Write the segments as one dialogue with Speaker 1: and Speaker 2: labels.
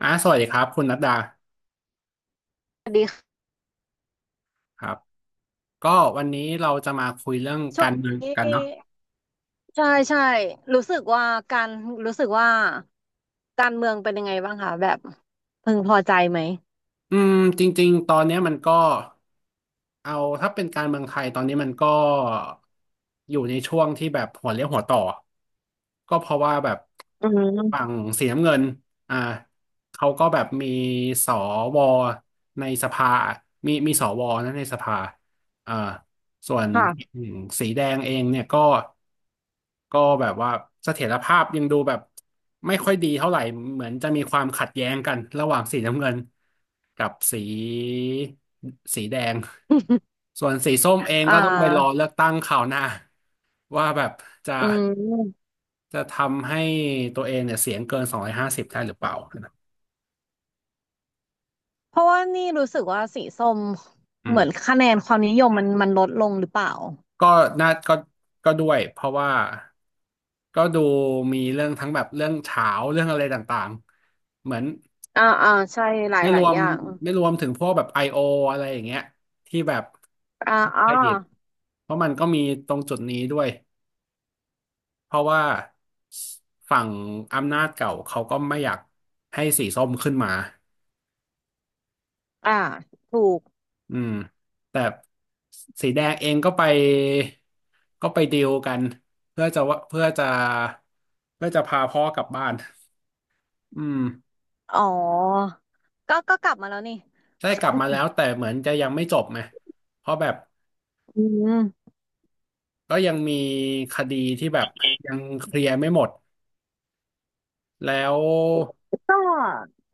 Speaker 1: สวัสดีครับคุณนัดดา
Speaker 2: สวัสดีค่ะ
Speaker 1: ครับก็วันนี้เราจะมาคุยเรื่อง
Speaker 2: ช่
Speaker 1: กา
Speaker 2: วง
Speaker 1: รเมือง
Speaker 2: นี้
Speaker 1: กันเนาะ
Speaker 2: ใช่ใช่รู้สึกว่าการรู้สึกว่าการเมืองเป็นยังไงบ้างคะแบบพึงพอใจไหม
Speaker 1: อืมจริงๆตอนเนี้ยมันก็เอาถ้าเป็นการเมืองไทยตอนนี้มันก็อยู่ในช่วงที่แบบหัวเลี้ยวหัวต่อก็เพราะว่าแบบ
Speaker 2: อื
Speaker 1: ฝั่ง
Speaker 2: ม
Speaker 1: สีน้ำเงินอ่าเขาก็แบบสวในสภามีสวนะในสภาอ่า ส่วน
Speaker 2: ค่ะ
Speaker 1: อืมสีแดงเองเนี่ยก็ก็แบบว่าเสถียรภาพยังดูแบบไม่ค่อยดีเท่าไหร่เหมือนจะมีความขัดแย้งกันระหว่างสีน้ำเงินกับสีแดง ส่วนสีส้มเอง
Speaker 2: อ่
Speaker 1: ก็ต้องไปรอ
Speaker 2: า
Speaker 1: เลือกตั้งคราวหน้าว่าแบบจะ
Speaker 2: อืม
Speaker 1: ทำให้ตัวเองเนี่ยเสียงเกิน250ได้หรือเปล่า
Speaker 2: เพราะว่านี่รู้สึกว่าสีส้ม
Speaker 1: อื
Speaker 2: เหมือน
Speaker 1: ม
Speaker 2: คะแนนความนิยมมันลดลงหรือเปล่า
Speaker 1: ก็น่าก็ด้วยเพราะว่าก็ดูมีเรื่องทั้งแบบเรื่องเฉาวเรื่องอะไรต่างๆเหมือน
Speaker 2: อ่าอ่าใช่หลาย
Speaker 1: ไม่
Speaker 2: ห
Speaker 1: ค่ะร
Speaker 2: ลาย
Speaker 1: ว
Speaker 2: อ
Speaker 1: ม
Speaker 2: ย่าง
Speaker 1: ไม่รวมถึงพวกแบบ I.O. อโออะไรอย่างเงี้ยที่แบบ
Speaker 2: อ่าอ่า
Speaker 1: เครดิตเพราะมันก็มีตรงจุดนี้ด้วยเพราะว่าฝั่งอำนาจเก่าเขาก็ไม่อยากให้สีส้มขึ้นมา
Speaker 2: อ่าถูก
Speaker 1: อืมแต่สีแดงเองก็ไปก็ไปดีลกันเพื่อจะพาพ่อกลับบ้านอืม
Speaker 2: อ๋อก็กลับมาแล้วนี่
Speaker 1: ได้กลับมาแล้วแต่เหมือนจะยังไม่จบไงเพราะแบบ
Speaker 2: อืม
Speaker 1: ก็ยังมีคดีที่แบบยังเคลียร์ไม่หมดแล้ว
Speaker 2: ก็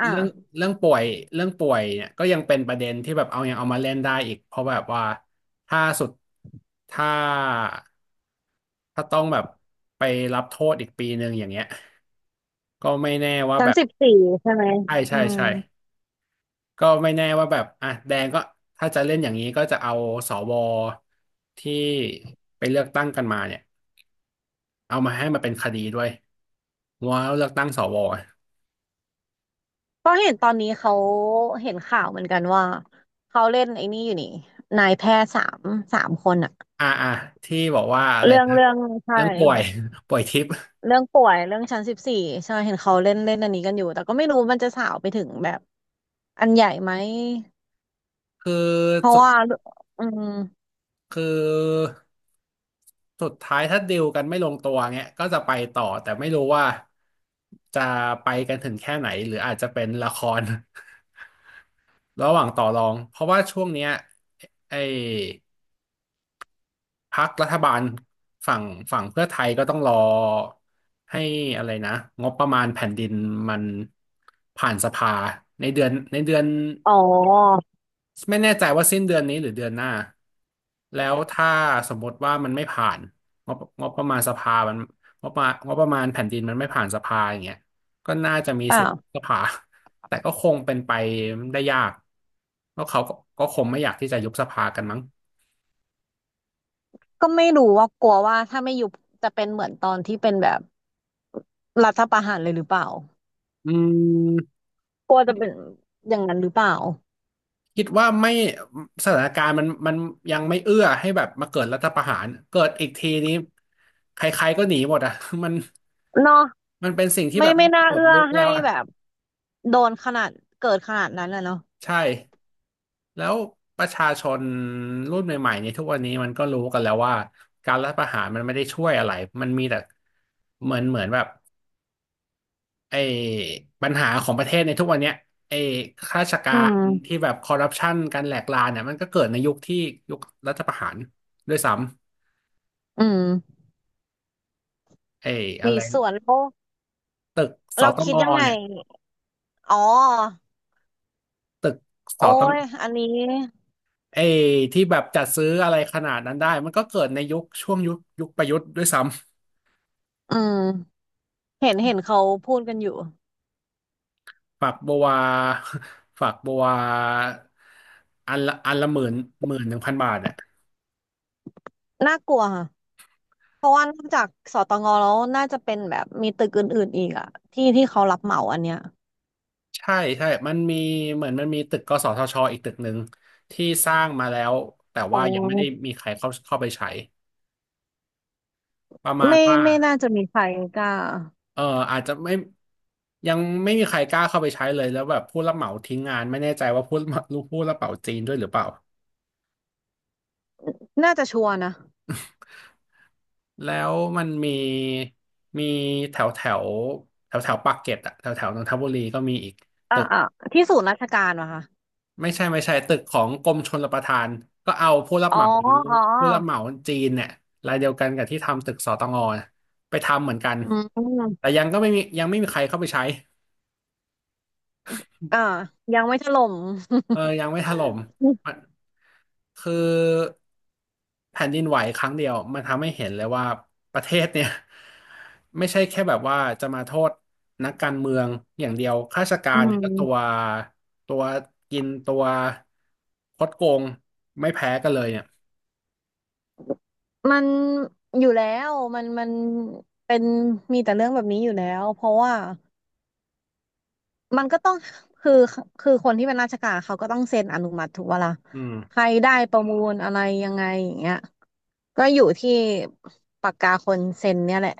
Speaker 2: อ่า
Speaker 1: เรื่องป่วยเรื่องป่วยเนี่ยก็ยังเป็นประเด็นที่แบบเอายังเอามาเล่นได้อีกเพราะแบบว่าถ้าสุดถ้าต้องแบบไปรับโทษอีกปีหนึ่งอย่างเงี้ย ก็ไม่แน่ว่า
Speaker 2: สา
Speaker 1: แบ
Speaker 2: ม
Speaker 1: บ
Speaker 2: สิบสี่ใช่ไหม
Speaker 1: ใช่
Speaker 2: อื
Speaker 1: ใช่
Speaker 2: ม
Speaker 1: ใช่ก็ไม่แน่ว่าแบบอ่ะแดงก็ถ้าจะเล่นอย่างนี้ก็จะเอาสวที่ไปเลือกตั้งกันมาเนี่ยเอามาให้มาเป็นคดีด้วยว่าเลือกตั้งสวอ่ะ
Speaker 2: ก็เห็นตอนนี้เขาเห็นข่าวเหมือนกันว่าเขาเล่นไอ้นี่อยู่นี่นายแพทย์สามคนอะ
Speaker 1: อ่ะที่บอกว่าอะไร
Speaker 2: เรื่อง
Speaker 1: นะ
Speaker 2: เรื่องใช่
Speaker 1: เรื่องป่วย ป่วยทิพย์
Speaker 2: เรื่องป่วยเรื่องชั้นสิบสี่ใช่เห็นเขาเล่นเล่นอันนี้กันอยู่แต่ก็ไม่รู้มันจะสาวไปถึงแบบอันใหญ่ไหม
Speaker 1: คือ
Speaker 2: เพราะว่าอืม
Speaker 1: คือสุดท้ายถ้าดีลกันไม่ลงตัวเงี้ยก็จะไปต่อแต่ไม่รู้ว่าจะไปกันถึงแค่ไหนหรืออาจจะเป็นละคร ระหว่างต่อรองเพราะว่าช่วงเนี้ยไอ้พรรครัฐบาลฝั่งเพื่อไทยก็ต้องรอให้อะไรนะงบประมาณแผ่นดินมันผ่านสภาในเดือน
Speaker 2: อ๋อ
Speaker 1: ไม่แน่ใจว่าสิ้นเดือนนี้หรือเดือนหน้าแล้วถ้าสมมติว่ามันไม่ผ่านงบประมาณสภามันงบประมาณแผ่นดินมันไม่ผ่านสภาอย่างเงี้ยก็น่าจะมี
Speaker 2: อ่า
Speaker 1: สิท
Speaker 2: ว
Speaker 1: ธิ์สภา แต่ก็คงเป็นไปได้ยากเพราะเขาก็คงไม่อยากที่จะยุบสภากันมั้ง
Speaker 2: ก็ไม่รู้ว่ากลัวว่าถ้าไม่ยุบจะเป็นเหมือนตอนที่เป็นแบบรัฐประหารเลยหรือเปล่า
Speaker 1: อืม
Speaker 2: กลัว
Speaker 1: คิ
Speaker 2: จะ
Speaker 1: ด
Speaker 2: เป็นอย่างนั้นหรือเปล่า
Speaker 1: ว่าไม่สถานการณ์มันยังไม่เอื้อให้แบบมาเกิดรัฐประหารเกิดอีกทีนี้ใครๆก็หนีหมดอ่ะ มัน
Speaker 2: เนาะ
Speaker 1: เป็นสิ่งที่
Speaker 2: ไม่
Speaker 1: แบบ
Speaker 2: ไม่น่า
Speaker 1: หมด
Speaker 2: เอื้อ
Speaker 1: ยุคแล้
Speaker 2: ให้
Speaker 1: วอ่ะ
Speaker 2: แบบโดนขนาดเกิดขนาดนั้นอะเนาะ
Speaker 1: ใช่ แล้วประชาชนรุ่นใหม่ๆในยทุกวันนี้มันก็รู้กันแล้วว่าการรัฐประหารมันไม่ได้ช่วยอะไร มันมีแต่เหมือนแบบไอ้ปัญหาของประเทศในทุกวันเนี้ยไอ้ข้าราชกา
Speaker 2: อื
Speaker 1: รที่
Speaker 2: ม
Speaker 1: แบบคอร์รัปชันการแหลกลานเนี่ยมันก็เกิดในยุคยุครัฐประหารด้วยซ้
Speaker 2: อืม
Speaker 1: ำไอ้อะ
Speaker 2: มี
Speaker 1: ไร
Speaker 2: ส่วนโอ้ว
Speaker 1: ตึกส
Speaker 2: เรา
Speaker 1: ตง
Speaker 2: คิดยังไง
Speaker 1: เนี่ย
Speaker 2: อ๋อ
Speaker 1: ตึกส
Speaker 2: โอ้
Speaker 1: ตง
Speaker 2: ยอันนี้
Speaker 1: ไอ้ที่แบบจัดซื้ออะไรขนาดนั้นได้มันก็เกิดในยุคช่วงยุคประยุทธ์ด้วยซ้ำ
Speaker 2: อืมเห็นเขาพูดกันอยู่
Speaker 1: ฝักบัว ฝักบัวอันละหมื่น11,000บาทอ่ะ
Speaker 2: น่ากลัวค่ะเพราะว่านอกจากสตงแล้วน่าจะเป็นแบบมีตึกอื่นๆอีกอะที่ที่เขารับเหมาอันเนี้ย
Speaker 1: ใช่ใช่มันมีเหมือนมันมีตึกกสทชอีกตึกหนึ่งที่สร้างมาแล้วแต่
Speaker 2: อ๋อ
Speaker 1: ว่ายังไม่ได้มีใครเข้าไปใช้ประมาณ
Speaker 2: ไม่
Speaker 1: ว่า
Speaker 2: ไม่น่าจะมีใครกล้า
Speaker 1: เอออาจจะไม่ยังไม่มีใครกล้าเข้าไปใช้เลยแล้วแบบผู้รับเหมาทิ้งงานไม่แน่ใจว่าผู้รับเหมาจีนด้วยหรือเปล่า
Speaker 2: น่าจะชัวร์นะ
Speaker 1: แล้วมันมีมีแถวแถวปากเกร็ดอะแถวแถวนนทบุรีก็มีอีก
Speaker 2: อ่ะอ่ะที่ศูนย์ราชการเะคะ
Speaker 1: ไม่ใช่ไม่ใช่ตึกของกรมชลประทานก็เอาผู้รับ
Speaker 2: อ๋อ
Speaker 1: เหมา
Speaker 2: อ๋อ
Speaker 1: ผู้รับเหมาจีนเนี่ยรายเดียวกันกับที่ทำตึกสตงน่ะไปทำเหมือนกัน
Speaker 2: อื
Speaker 1: แต่
Speaker 2: ม
Speaker 1: ยังก็ไม่มียังไม่มีใครเข้าไปใช้
Speaker 2: อ่ายังไม่ถล่ม
Speaker 1: เอ อยังไม่ถล่มมันคือแผ่นดินไหวครั้งเดียวมันทำให้เห็นเลยว่าประเทศเนี่ย ไม่ใช่แค่แบบว่าจะมาโทษนักการเมืองอย่างเดียวข้าราชกา
Speaker 2: อื
Speaker 1: รเนี่ยก็ตัว
Speaker 2: ม
Speaker 1: ตัวกินคดโกงไม่แพ้กันเลยเนี่ย
Speaker 2: มันอยู่แล้วมันเป็นมีแต่เรื่องแบบนี้อยู่แล้วเพราะว่ามันก็ต้องคือคือคนที่เป็นราชการเขาก็ต้องเซ็นอนุมัติถูกปะล่ะ
Speaker 1: อืม
Speaker 2: ใครได้ประมูลอะไรยังไงอย่างเงี้ยก็อยู่ที่ปากกาคนเซ็นเนี่ยแหละ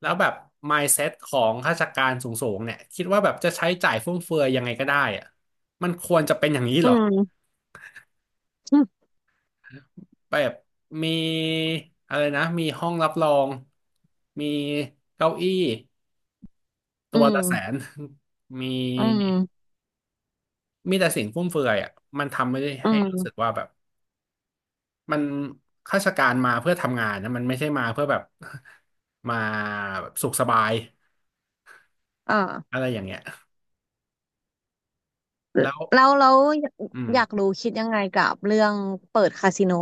Speaker 1: แล้วแบบ mindset ของข้าราชการสูงๆเนี่ยคิดว่าแบบจะใช้จ่ายฟุ่มเฟือยยังไงก็ได้อะมันควรจะเป็นอย่างนี้
Speaker 2: อื
Speaker 1: เหรอ
Speaker 2: ม
Speaker 1: แบบมีอะไรนะมีห้องรับรองมีเก้าอี้
Speaker 2: อื
Speaker 1: ตัว
Speaker 2: ม
Speaker 1: ละ100,000 มี
Speaker 2: อืม
Speaker 1: มีแต่สิ่งฟุ่มเฟือยอ่ะมันทำไม่ได้
Speaker 2: อื
Speaker 1: ให้
Speaker 2: ม
Speaker 1: รู้
Speaker 2: อ
Speaker 1: สึก
Speaker 2: ม
Speaker 1: ว่าแบบมันข้าราชการมาเพื่อทำงานนะมันไม่ใช่มาเพื่อแบบ มาแบบสุขสบาย
Speaker 2: อ่า
Speaker 1: อะไรอย่างเงี้ยแล้ว
Speaker 2: แล้ว
Speaker 1: อืม
Speaker 2: อยากรู้คิดยังไงกับเรื่องเปิดคาสิโน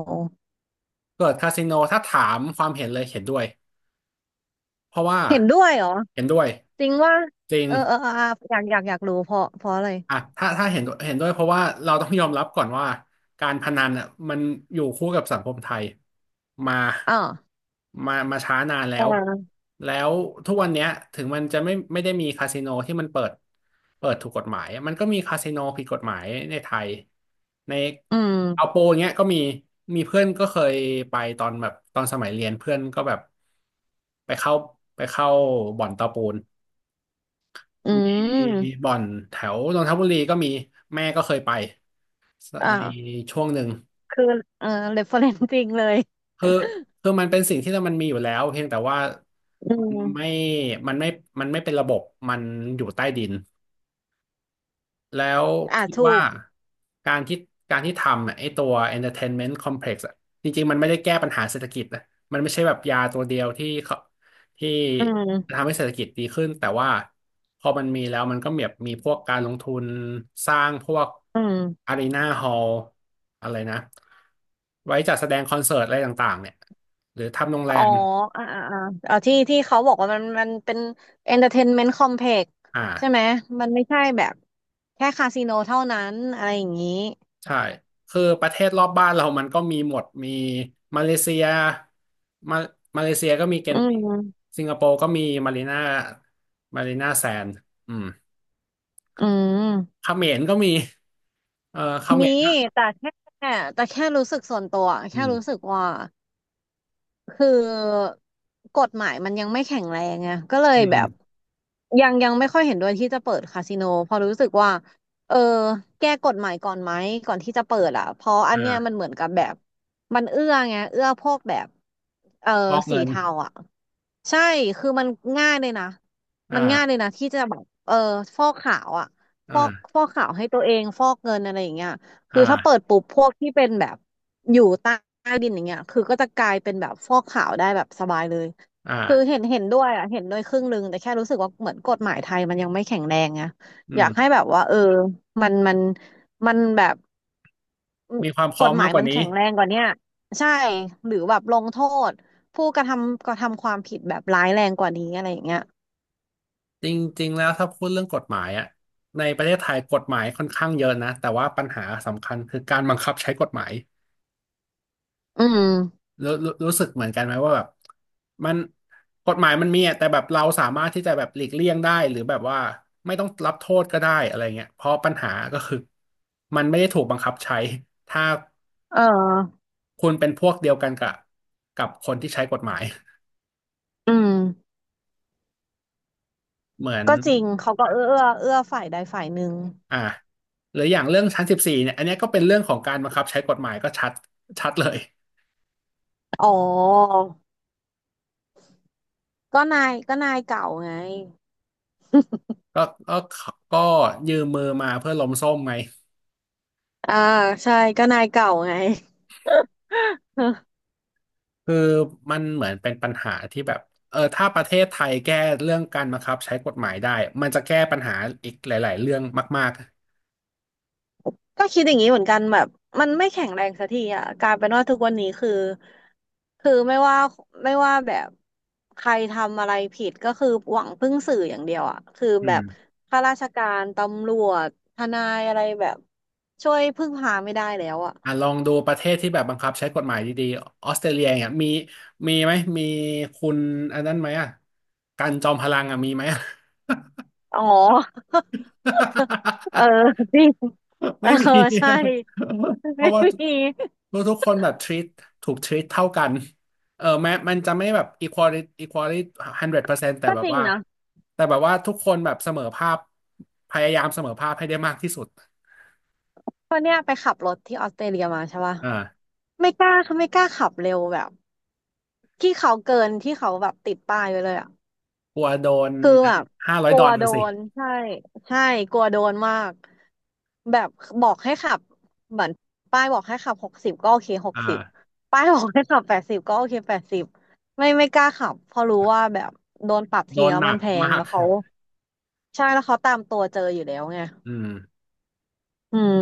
Speaker 1: เปิดคาสิโนถ้าถามความเห็นเลยเห็นด้วยเพราะว่า
Speaker 2: เห็นด้วยเหรอ
Speaker 1: เห็นด้วย
Speaker 2: จริงว่า
Speaker 1: จริง
Speaker 2: เออเออเอออ่ะอยากรู้เพราะอะไร
Speaker 1: อ่ะถ้าเห็นด้วยเพราะว่าเราต้องยอมรับก่อนว่าการพนันอ่ะมันอยู่คู่กับสังคมไทยมา
Speaker 2: อ่า
Speaker 1: มาช้านานแล้
Speaker 2: อ่
Speaker 1: ว
Speaker 2: า
Speaker 1: แล้วทุกวันเนี้ยถึงมันจะไม่ได้มีคาสิโนที่มันเปิดถูกกฎหมายมันก็มีคาสิโนผิดกฎหมายในไทยใน
Speaker 2: อื
Speaker 1: เอาโป
Speaker 2: ม
Speaker 1: อย่างเงี้ยก็มีมีเพื่อนก็เคยไปตอนแบบตอนสมัยเรียนเพื่อนก็แบบไปเข้าไปเข้าบ่อนตะปูน
Speaker 2: อื
Speaker 1: มี
Speaker 2: ม
Speaker 1: บ่อนแถวนนทบุรีก็มีแม่ก็เคยไป
Speaker 2: อ่า
Speaker 1: ในช่วงหนึ่ง
Speaker 2: คือเออเรฟเฟอเรนซ์จริงเลย
Speaker 1: คือคือมันเป็นสิ่งที่มันมีอยู่แล้วเพียงแต่ว่า
Speaker 2: อื
Speaker 1: มัน
Speaker 2: ม
Speaker 1: ไม่มันไม่มันไม่เป็นระบบมันอยู่ใต้ดิน แล้ว
Speaker 2: อ่า
Speaker 1: คิด
Speaker 2: ถู
Speaker 1: ว่า
Speaker 2: ก
Speaker 1: การที่การที่ทำอะไอ้ตัว entertainment complex อะจริงๆมันไม่ได้แก้ปัญหาเศรษฐกิจนะมันไม่ใช่แบบยาตัวเดียวที่เขาที่
Speaker 2: อืม
Speaker 1: ทำให้เศรษฐกิจดีขึ้นแต่ว่าพอมันมีแล้วมันก็แบบมีพวกการลงทุนสร้างพวก
Speaker 2: อืม
Speaker 1: อารีนาฮอลอะไรนะไว้จัดแสดงคอนเสิร์ตอะไรต่างๆเนี่ยหรือทำโรงแร
Speaker 2: อ๋อ
Speaker 1: ม
Speaker 2: อ่าอ่าอ่าเอาที่ที่เขาบอกว่ามันเป็น entertainment complex ใช่ไหม
Speaker 1: อ่า
Speaker 2: มันไม่ใช่แบบแค่คาสิโนเท่านั้นอะไรอย่างนี้
Speaker 1: ใช่ คือประเทศรอบบ้านเรามันก็มีหมด มีมาเลเซียมามาเลเซียก็มีเก
Speaker 2: อื
Speaker 1: นติ้ง
Speaker 2: ม
Speaker 1: สิงคโปร์ก็มีมารีนามารีนาแซนด์อืม
Speaker 2: อืม
Speaker 1: เขมรก็มีเออเขม
Speaker 2: มี
Speaker 1: รก็
Speaker 2: แต่แค่รู้สึกส่วนตัว
Speaker 1: อื
Speaker 2: แค่รู้
Speaker 1: ม
Speaker 2: สึกว่า คือกฎหมายมันยังไม่แข็งแรงไงก็เลย
Speaker 1: อื
Speaker 2: แบบ
Speaker 1: ม
Speaker 2: ยังไม่ค่อยเห็นด้วยที่จะเปิดคาสิโนเพอราะรู้สึกว่าเออแก้กฎหมายก่อนไหมก่อนที่จะเปิดอ่ะเพราะอันเนี้ยมั
Speaker 1: อ่า
Speaker 2: นเหมือนกับแบบมันเอื้อไงเอื้อพวกแบบเออ
Speaker 1: ฟอก
Speaker 2: สี
Speaker 1: เงิน
Speaker 2: เทาอ่ะใช่คือมันง่ายเลยนะ
Speaker 1: อ
Speaker 2: มันง่ายเลย
Speaker 1: ่า
Speaker 2: นะที่จะแบบเออฟอกขาวอ่ะฟอก
Speaker 1: อ่า
Speaker 2: ฟอกขาวให้ตัวเองฟอกเงินอะไรอย่างเงี้ย คือถ้าเปิด
Speaker 1: อ่า
Speaker 2: ปุ๊บพวกที่เป็นแบบอยู่ใต้ดินอย่างเงี้ยคือก็จะกลายเป็นแบบฟอกขาวได้แบบสบายเลยคือ
Speaker 1: อ่า
Speaker 2: เห็นด้วยอ่ะเห็นด้วยครึ่งหนึ่งแต่แค่รู้สึกว่าเหมือนกฎหมายไทยมันยังไม่แข็งแรงไง
Speaker 1: อื
Speaker 2: อยากให้
Speaker 1: ม
Speaker 2: แบบว่าเออมันมันมันแบบ
Speaker 1: มีความพร้
Speaker 2: ก
Speaker 1: อม
Speaker 2: ฎห
Speaker 1: มา
Speaker 2: มา
Speaker 1: ก
Speaker 2: ย
Speaker 1: กว่า
Speaker 2: มัน
Speaker 1: นี้
Speaker 2: แข็งแรงกว่าเนี้ยใช่หรือแบบลงโทษผู้กระทำความผิดแบบร้ายแรงกว่านี้อะไรอย่างเงี้ย
Speaker 1: จริงๆ แล้วถ้าพูดเรื่องกฎหมายอะในประเทศไทยกฎหมายค่อนข้างเยอะนะแต่ว่าปัญหาสำคัญคือการบังคับใช้กฎหมาย
Speaker 2: อืม
Speaker 1: รู้สึกเหมือนกันไหมว่าแบบมันกฎหมายมันมีอะแต่แบบเราสามารถที่จะแบบหลีกเลี่ยงได้หรือแบบว่าไม่ต้องรับโทษก็ได้อะไรเงี้ยเพราะปัญหาก็คือมันไม่ได้ถูกบังคับใช้ถ้า
Speaker 2: เออ
Speaker 1: คุณเป็นพวกเดียวกันกับกับคนที่ใช้กฎหมาย
Speaker 2: อืม
Speaker 1: เหมือน
Speaker 2: ก็จริงเขาก็เอื้อฝ่ายใดฝ่ายหนึ่ง
Speaker 1: อ่าหรืออย่างเรื่องชั้น 14เนี่ยอันเนี้ยก็เป็นเรื่องของการบังคับใช้กฎหมายก็ชัดเลย
Speaker 2: อ๋อ ก็นายเก่าไง
Speaker 1: ก็ก็ก็ยืมมือมาเพื่อล้มส้มไง
Speaker 2: อ่าใช่ก็นายเก่าไง
Speaker 1: คือมันเหมือนเป็นปัญหาที่แบบเออถ้าประเทศไทยแก้เรื่องการบังคับใช้กฎหมายได้มันจะแก้ปัญหาอีกหลายๆเรื่องมาก
Speaker 2: ก็คิดอย่างนี้เหมือนกันแบบมันไม่แข็งแรงสักทีอ่ะกลายเป็นว่าทุกวันนี้คือไม่ว่าแบบใครทำอะไรผิดก็คือหวังพึ่งสื่ออย่างเดียวอ่ะคือ
Speaker 1: ๆอื
Speaker 2: แบ
Speaker 1: ม
Speaker 2: บข้าราชการตำรวจทนายอะไรแบบช่วยพึ่งพาไม่ได้แล้วอ่ะ
Speaker 1: อ่ะลองดูประเทศที่แบบบังคับใช้กฎหมายดีๆออสเตรเลียเนี่ยมีมีไหมมีคุณอันนั้นไหมอ่ะการจอมพลังอ่ะมีไหมอ่ะ
Speaker 2: อ๋อ เออ จริงเอ
Speaker 1: ไม่
Speaker 2: อ
Speaker 1: มี
Speaker 2: ใช่
Speaker 1: เพ
Speaker 2: ไม่
Speaker 1: ราะว่าทุก
Speaker 2: มี
Speaker 1: ทุกคนแบบ treat ถูก treat เท่ากันเออแม้มันจะไม่แบบ equality 100%แต่
Speaker 2: ก็
Speaker 1: แบ
Speaker 2: จ
Speaker 1: บ
Speaker 2: ริง
Speaker 1: ว่า
Speaker 2: นะ
Speaker 1: ทุกคนแบบเสมอภาพพยายามเสมอภาพให้ได้มากที่สุด
Speaker 2: เพราะเนี่ยไปขับรถที่ออสเตรเลียมาใช่ปะ
Speaker 1: อ่า
Speaker 2: ไม่กล้าเขาไม่กล้าขับเร็วแบบที่เขาเกินที่เขาแบบติดป้ายไว้เลยอ่ะ
Speaker 1: กลัวโดน
Speaker 2: คือแบบ
Speaker 1: ห้าร้อ
Speaker 2: ก
Speaker 1: ยด
Speaker 2: ลั
Speaker 1: อ
Speaker 2: ว
Speaker 1: ล
Speaker 2: โด
Speaker 1: ลาร์สิ
Speaker 2: นใช่ใช่กลัวโดนมากแบบบอกให้ขับเหมือนป้ายบอกให้ขับหกสิบก็โอเคหกสิบ
Speaker 1: อ่า
Speaker 2: ป้ายบอกให้ขับแปดสิบก็โอเคแปดสิบไม่กล้าขับเพราะรู้ว่าแบบโดนปรับ
Speaker 1: โด
Speaker 2: ที
Speaker 1: น
Speaker 2: แล้ว
Speaker 1: หนั
Speaker 2: มัน
Speaker 1: ก
Speaker 2: แพง
Speaker 1: มาก
Speaker 2: แล้วเขาใช่แล้วเขาตามตัวเจออยู่แล้วไง
Speaker 1: อืม
Speaker 2: อืม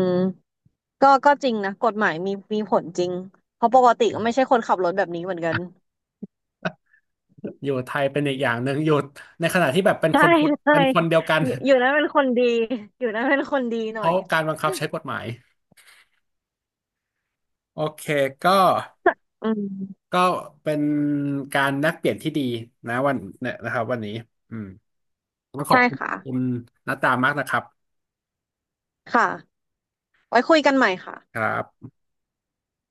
Speaker 2: ก็จริงนะกฎหมายมีผลจริงเพราะปกติก็ไม่ใช่คนขับรถแบบนี้เหมือนกัน
Speaker 1: อยู่ไทยเป็นอีกอย่างหนึ่งอยู่ในขณะที่แบบเป็นค
Speaker 2: ใช่
Speaker 1: นคน
Speaker 2: ใช่
Speaker 1: เป็นคนเดียวกัน
Speaker 2: อยู่นั้นเป็นคนดี อยู่นั้นเป็นคนดีห
Speaker 1: เพ
Speaker 2: น่อย
Speaker 1: ราะการบังคับใช้กฎหมายโอเคก็
Speaker 2: อืม
Speaker 1: ก็เป็นการแลกเปลี่ยนที่ดีนะวันเนี่ยนะครับวันนี้อืมก็ขอบ
Speaker 2: ใช่
Speaker 1: คุณ
Speaker 2: ค่ะ
Speaker 1: คุณนัตตามากนะครับ
Speaker 2: ค่ะไว้คุยกันใหม่ค่ะ
Speaker 1: ครับ